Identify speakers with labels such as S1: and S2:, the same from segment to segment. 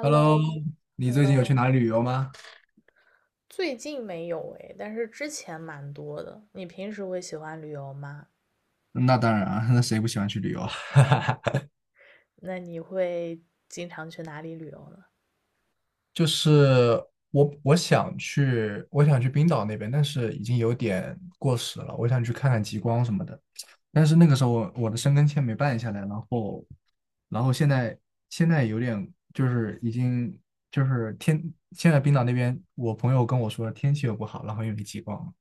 S1: Hello，你最近有去 哪里旅游吗？
S2: 最近没有诶，但是之前蛮多的。你平时会喜欢旅游吗？
S1: 那当然啊，那谁不喜欢去旅游啊？
S2: 那你会经常去哪里旅游呢？
S1: 就是我想去冰岛那边，但是已经有点过时了。我想去看看极光什么的，但是那个时候我的申根签没办下来，然后，然后现在有点就是已经就是天，现在冰岛那边我朋友跟我说天气又不好，然后又没极光，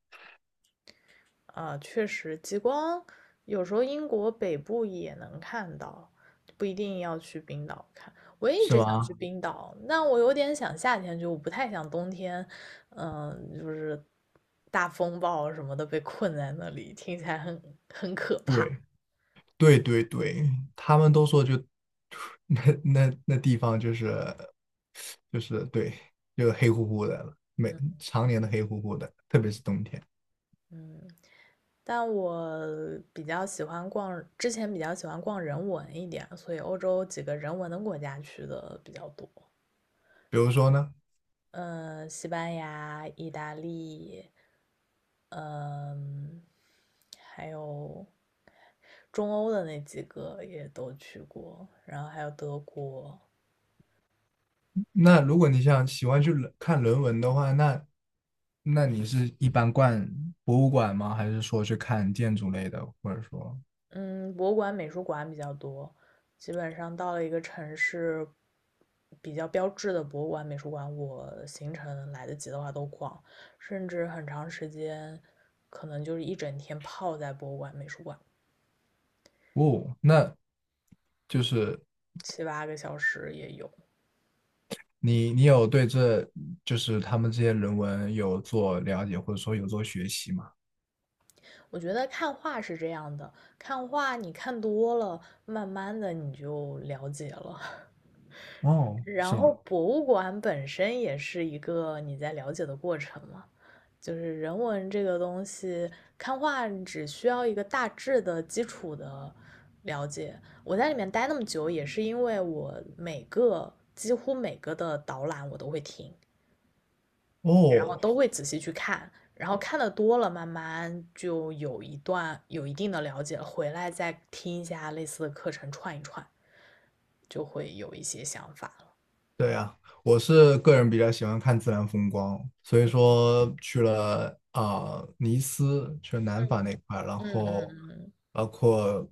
S2: 确实，极光有时候英国北部也能看到，不一定要去冰岛看。我也一
S1: 是
S2: 直想
S1: 吗？
S2: 去冰岛，但我有点想夏天去，我不太想冬天，就是大风暴什么的被困在那里，听起来很可怕。
S1: 对。对对对，他们都说就 那地方就是就是对，就黑乎乎的了，每常年的黑乎乎的，特别是冬天。
S2: 但我比较喜欢逛，之前比较喜欢逛人文一点，所以欧洲几个人文的国家去的比较多。
S1: 比如说呢，
S2: 嗯，西班牙、意大利，嗯，还有中欧的那几个也都去过，然后还有德国。
S1: 那如果你想喜欢去人文的话，那你是一般逛博物馆吗？还是说去看建筑类的，或者说
S2: 嗯，博物馆、美术馆比较多。基本上到了一个城市，比较标志的博物馆、美术馆，我行程来得及的话都逛，甚至很长时间，可能就是一整天泡在博物馆、美术馆，
S1: 哦，那就是
S2: 七八个小时也有。
S1: 你有对这就是他们这些人文有做了解，或者说有做学习吗？
S2: 我觉得看画是这样的，看画你看多了，慢慢的你就了解了。
S1: 哦，
S2: 然
S1: 是
S2: 后
S1: 吗？
S2: 博物馆本身也是一个你在了解的过程嘛，就是人文这个东西，看画只需要一个大致的基础的了解。我在里面待那么久，也是因为我几乎每个的导览我都会听，然后
S1: 哦，
S2: 都会仔细去看，然后看的多了，慢慢就有一段有一定的了解了，回来再听一下类似的课程串一串，就会有一些想法了。
S1: 对呀，我是个人比较喜欢看自然风光，所以说去了啊、尼斯，去了南法
S2: 嗯
S1: 那块儿然
S2: 嗯
S1: 后
S2: 嗯嗯。
S1: 包括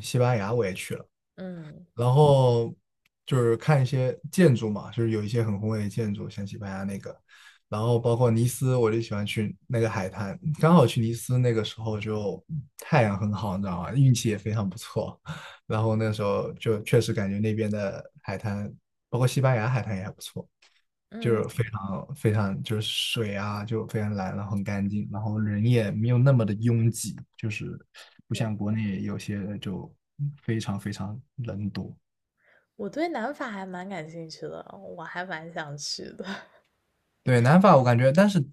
S1: 西班牙我也去了，
S2: 嗯，
S1: 然后就是看一些建筑嘛，就是有一些很宏伟的建筑，像西班牙那个，然后包括尼斯，我就喜欢去那个海滩。刚好去尼斯那个时候就太阳很好，你知道吗？运气也非常不错。然后那时候就确实感觉那边的海滩，包括西班牙海滩也还不错，就
S2: 嗯，
S1: 是非常非常就是水啊就非常蓝，然后很干净，然后人也没有那么的拥挤，就是不像国内有些就非常非常人多。
S2: 我对南法还蛮感兴趣的，我还蛮想去的。
S1: 对，南法我感觉，但是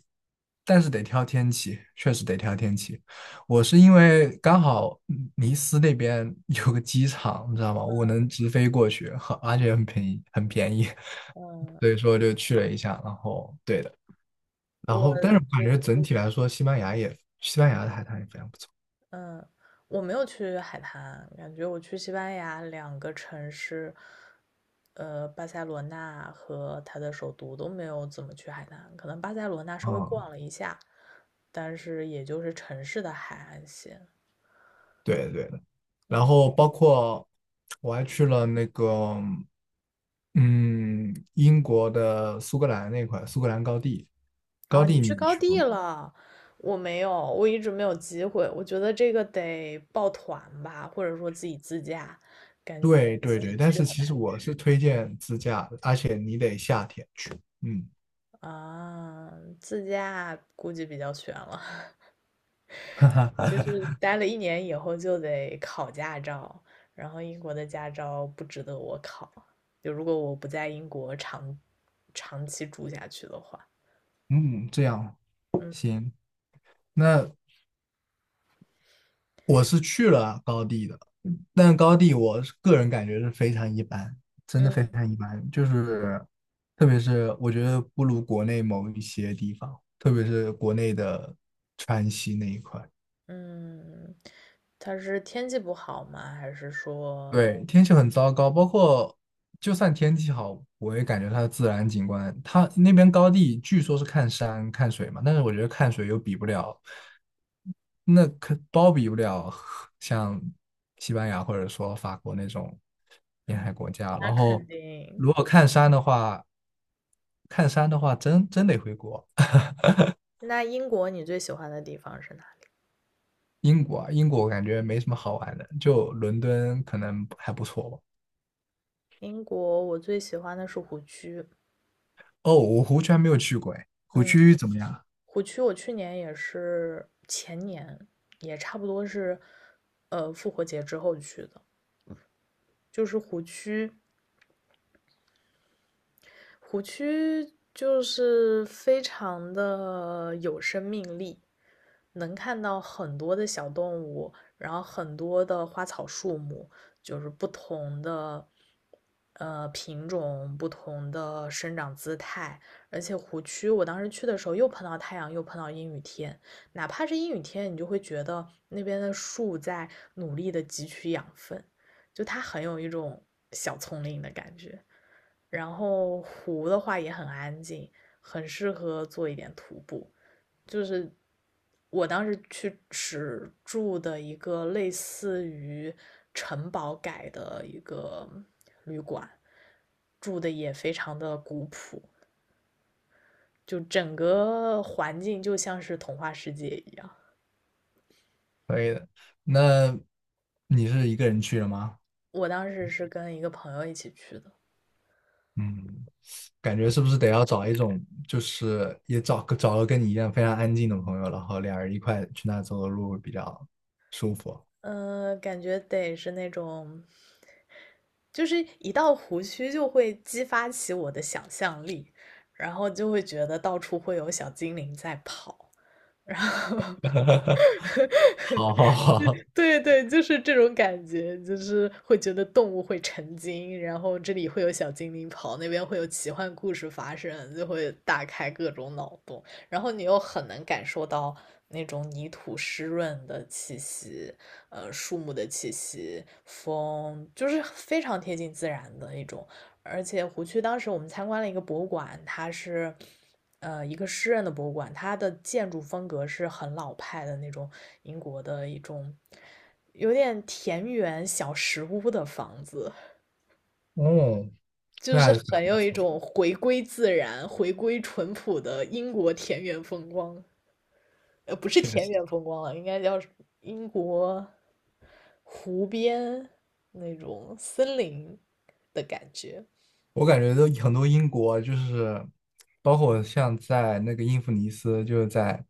S1: 得挑天气，确实得挑天气。我是因为刚好尼斯那边 有个机场，你知道吗？我能直飞过去，而且很便宜，很便宜，所以
S2: 嗯，
S1: 说就去了一下。然后对的，然
S2: 我
S1: 后但是我感
S2: 觉
S1: 觉
S2: 得，
S1: 整体来说，西班牙的海滩也非常不错
S2: 嗯，我没有去海滩，感觉我去西班牙两个城市，巴塞罗那和它的首都都没有怎么去海滩，可能巴塞罗那稍微逛
S1: 啊。
S2: 了一下，但是也就是城市的海岸线。
S1: 对的对的。然
S2: 嗯
S1: 后包括我还去了那个，嗯，英国的苏格兰那块，苏格兰高地，
S2: 啊，
S1: 高地
S2: 你去
S1: 你们
S2: 高
S1: 去过
S2: 地
S1: 吗？
S2: 了，我没有，我一直没有机会。我觉得这个得抱团吧，或者说自己自驾，感觉
S1: 对对
S2: 自己
S1: 对，但
S2: 去
S1: 是
S2: 很
S1: 其实
S2: 难
S1: 我是推荐自驾的，而且你得夏天去，嗯
S2: 啊。自驾估计比较悬了，就是待了一年以后就得考驾照，然后英国的驾照不值得我考，就如果我不在英国长期住下去的话。
S1: 嗯，这样
S2: 嗯
S1: 行。那我是去了高地的，但高地我个人感觉是非常一般，真的非
S2: 嗯
S1: 常一般。就是特别是我觉得不如国内某一些地方，特别是国内的川西那一块。
S2: 嗯，它是天气不好吗？还是说？
S1: 对，天气很糟糕，包括就算天气好，我也感觉它的自然景观，它那边高地据说是看山看水嘛，但是我觉得看水又比不了，那可包比不了像西班牙或者说法国那种沿
S2: 嗯，
S1: 海国家。
S2: 那
S1: 然
S2: 肯
S1: 后
S2: 定。
S1: 如果看山的话，看山的话真得回国，
S2: 那英国你最喜欢的地方是哪里？
S1: 英国啊，英国我感觉没什么好玩的，就伦敦可能还不错吧。
S2: 英国我最喜欢的是湖区。
S1: 哦，我湖区还没有去过，哎，湖
S2: 嗯，
S1: 区怎么样？
S2: 湖区我去年也是，前年也差不多是，复活节之后去的。就是湖区，湖区就是非常的有生命力，能看到很多的小动物，然后很多的花草树木，就是不同的品种、不同的生长姿态。而且湖区，我当时去的时候又碰到太阳，又碰到阴雨天，哪怕是阴雨天，你就会觉得那边的树在努力的汲取养分，就它很有一种小丛林的感觉。然后湖的话也很安静，很适合做一点徒步。就是我当时去只住的一个类似于城堡改的一个旅馆，住的也非常的古朴，就整个环境就像是童话世界一样。
S1: 可以的。那你是一个人去了吗？
S2: 我当时是跟一个朋友一起去的，
S1: 嗯，感觉是不是得要找一种，就是也找个跟你一样非常安静的朋友，然后俩人一块去那走走路会比较舒服。
S2: 感觉得是那种，就是一到湖区就会激发起我的想象力，然后就会觉得到处会有小精灵在跑。
S1: 好好好，
S2: 对对，就是这种感觉，就是会觉得动物会成精，然后这里会有小精灵跑，那边会有奇幻故事发生，就会大开各种脑洞，然后你又很能感受到那种泥土湿润的气息，树木的气息，风，就是非常贴近自然的一种。而且湖区当时我们参观了一个博物馆，它是一个诗人的博物馆，它的建筑风格是很老派的那种英国的一种有点田园小石屋的房子，
S1: 哦，
S2: 就
S1: 那还
S2: 是
S1: 是非
S2: 很
S1: 常不
S2: 有一
S1: 错，
S2: 种回归自然、回归淳朴的英国田园风光。不是
S1: 确
S2: 田
S1: 实。
S2: 园风光了，应该叫英国湖边那种森林的感觉。
S1: 我感觉都很多英国就是，包括像在那个英弗尼斯，就是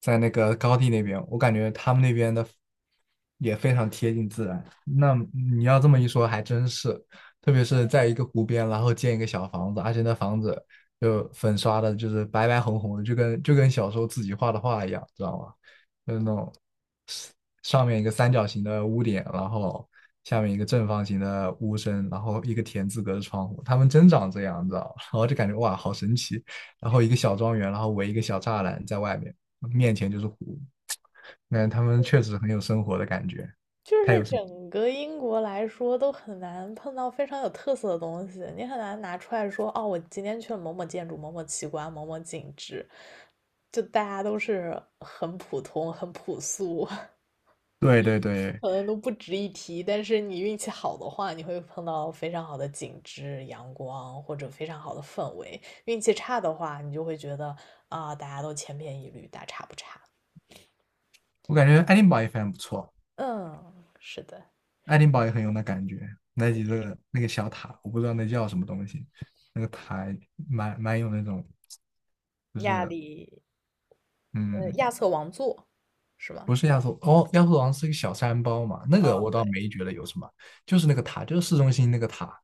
S1: 在那个高地那边，我感觉他们那边的也非常贴近自然。那你要这么一说，还真是，特别是在一个湖边，然后建一个小房子，而且那房子就粉刷的，就是白白红红的，就跟小时候自己画的画一样，知道吗？就是那种。上面一个三角形的屋顶，然后下面一个正方形的屋身，然后一个田字格的窗户，他们真长这样，你知道吗？然后就感觉哇，好神奇。然后一个小庄园，然后围一个小栅栏在外面，面前就是湖。那他们确实很有生活的感觉，
S2: 就
S1: 太
S2: 是
S1: 有生。
S2: 整个英国来说，都很难碰到非常有特色的东西，你很难拿出来说，哦，我今天去了某某建筑、某某奇观、某某景致，就大家都是很普通、很朴素，
S1: 对对对，
S2: 可能都不值一提。但是你运气好的话，你会碰到非常好的景致、阳光或者非常好的氛围；运气差的话，你就会觉得啊，大家都千篇一律，大差不差。
S1: 我感觉爱丁堡也非常不错，
S2: 嗯，是的。
S1: 爱丁堡也很有那感觉。那几个那个小塔，我不知道那叫什么东西，那个塔蛮有那种，就
S2: 亚
S1: 是
S2: 里，
S1: 嗯，
S2: 亚瑟王座是吗？
S1: 不是亚索，哦，亚速王是一个小山包嘛，那个
S2: 嗯，
S1: 我
S2: 对，
S1: 倒没觉得有什么，就是那个塔，就是市中心那个塔，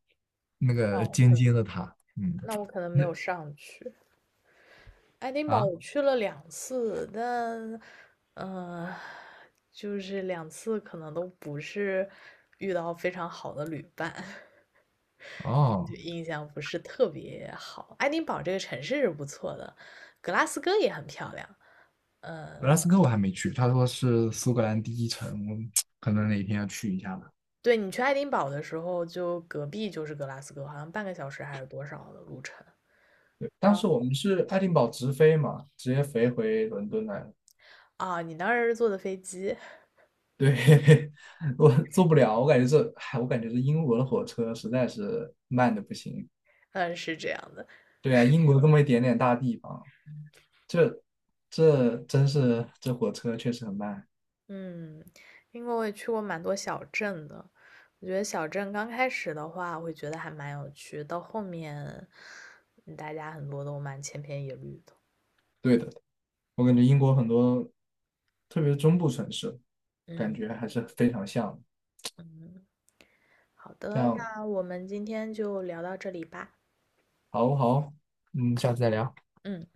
S1: 那
S2: 那
S1: 个
S2: 我
S1: 尖
S2: 可能
S1: 尖的塔，嗯，
S2: 没
S1: 那
S2: 有上去。爱丁
S1: 啊
S2: 堡我去了两次，但，嗯、就是两次可能都不是遇到非常好的旅伴，就
S1: 哦，
S2: 印象不是特别好。爱丁堡这个城市是不错的，格拉斯哥也很漂亮。
S1: 格拉斯哥我还没去，他说是苏格兰第一城，我 可能哪天要去一下吧。
S2: 对，你去爱丁堡的时候，就隔壁就是格拉斯哥，好像半个小时还是多少的路程。
S1: 对，当
S2: 然
S1: 时
S2: 后
S1: 我们是爱丁堡直飞嘛，直接飞回伦敦来了。
S2: 啊，你当时是坐的飞机，
S1: 对，我坐不了，我感觉这，哎，我感觉这英国的火车实在是慢的不行。
S2: 嗯，是这样的。
S1: 对啊，英国这么一点点大地方，这这真是这火车确实很慢。
S2: 嗯，因为我也去过蛮多小镇的，我觉得小镇刚开始的话，会觉得还蛮有趣，到后面，大家很多都蛮千篇一律的。
S1: 对的，我感觉英国很多，特别是中部城市，感
S2: 嗯
S1: 觉还是非常像的
S2: 嗯，好
S1: 这
S2: 的，
S1: 样，
S2: 那我们今天就聊到这里吧。
S1: 好好，嗯，下次再聊。
S2: 嗯。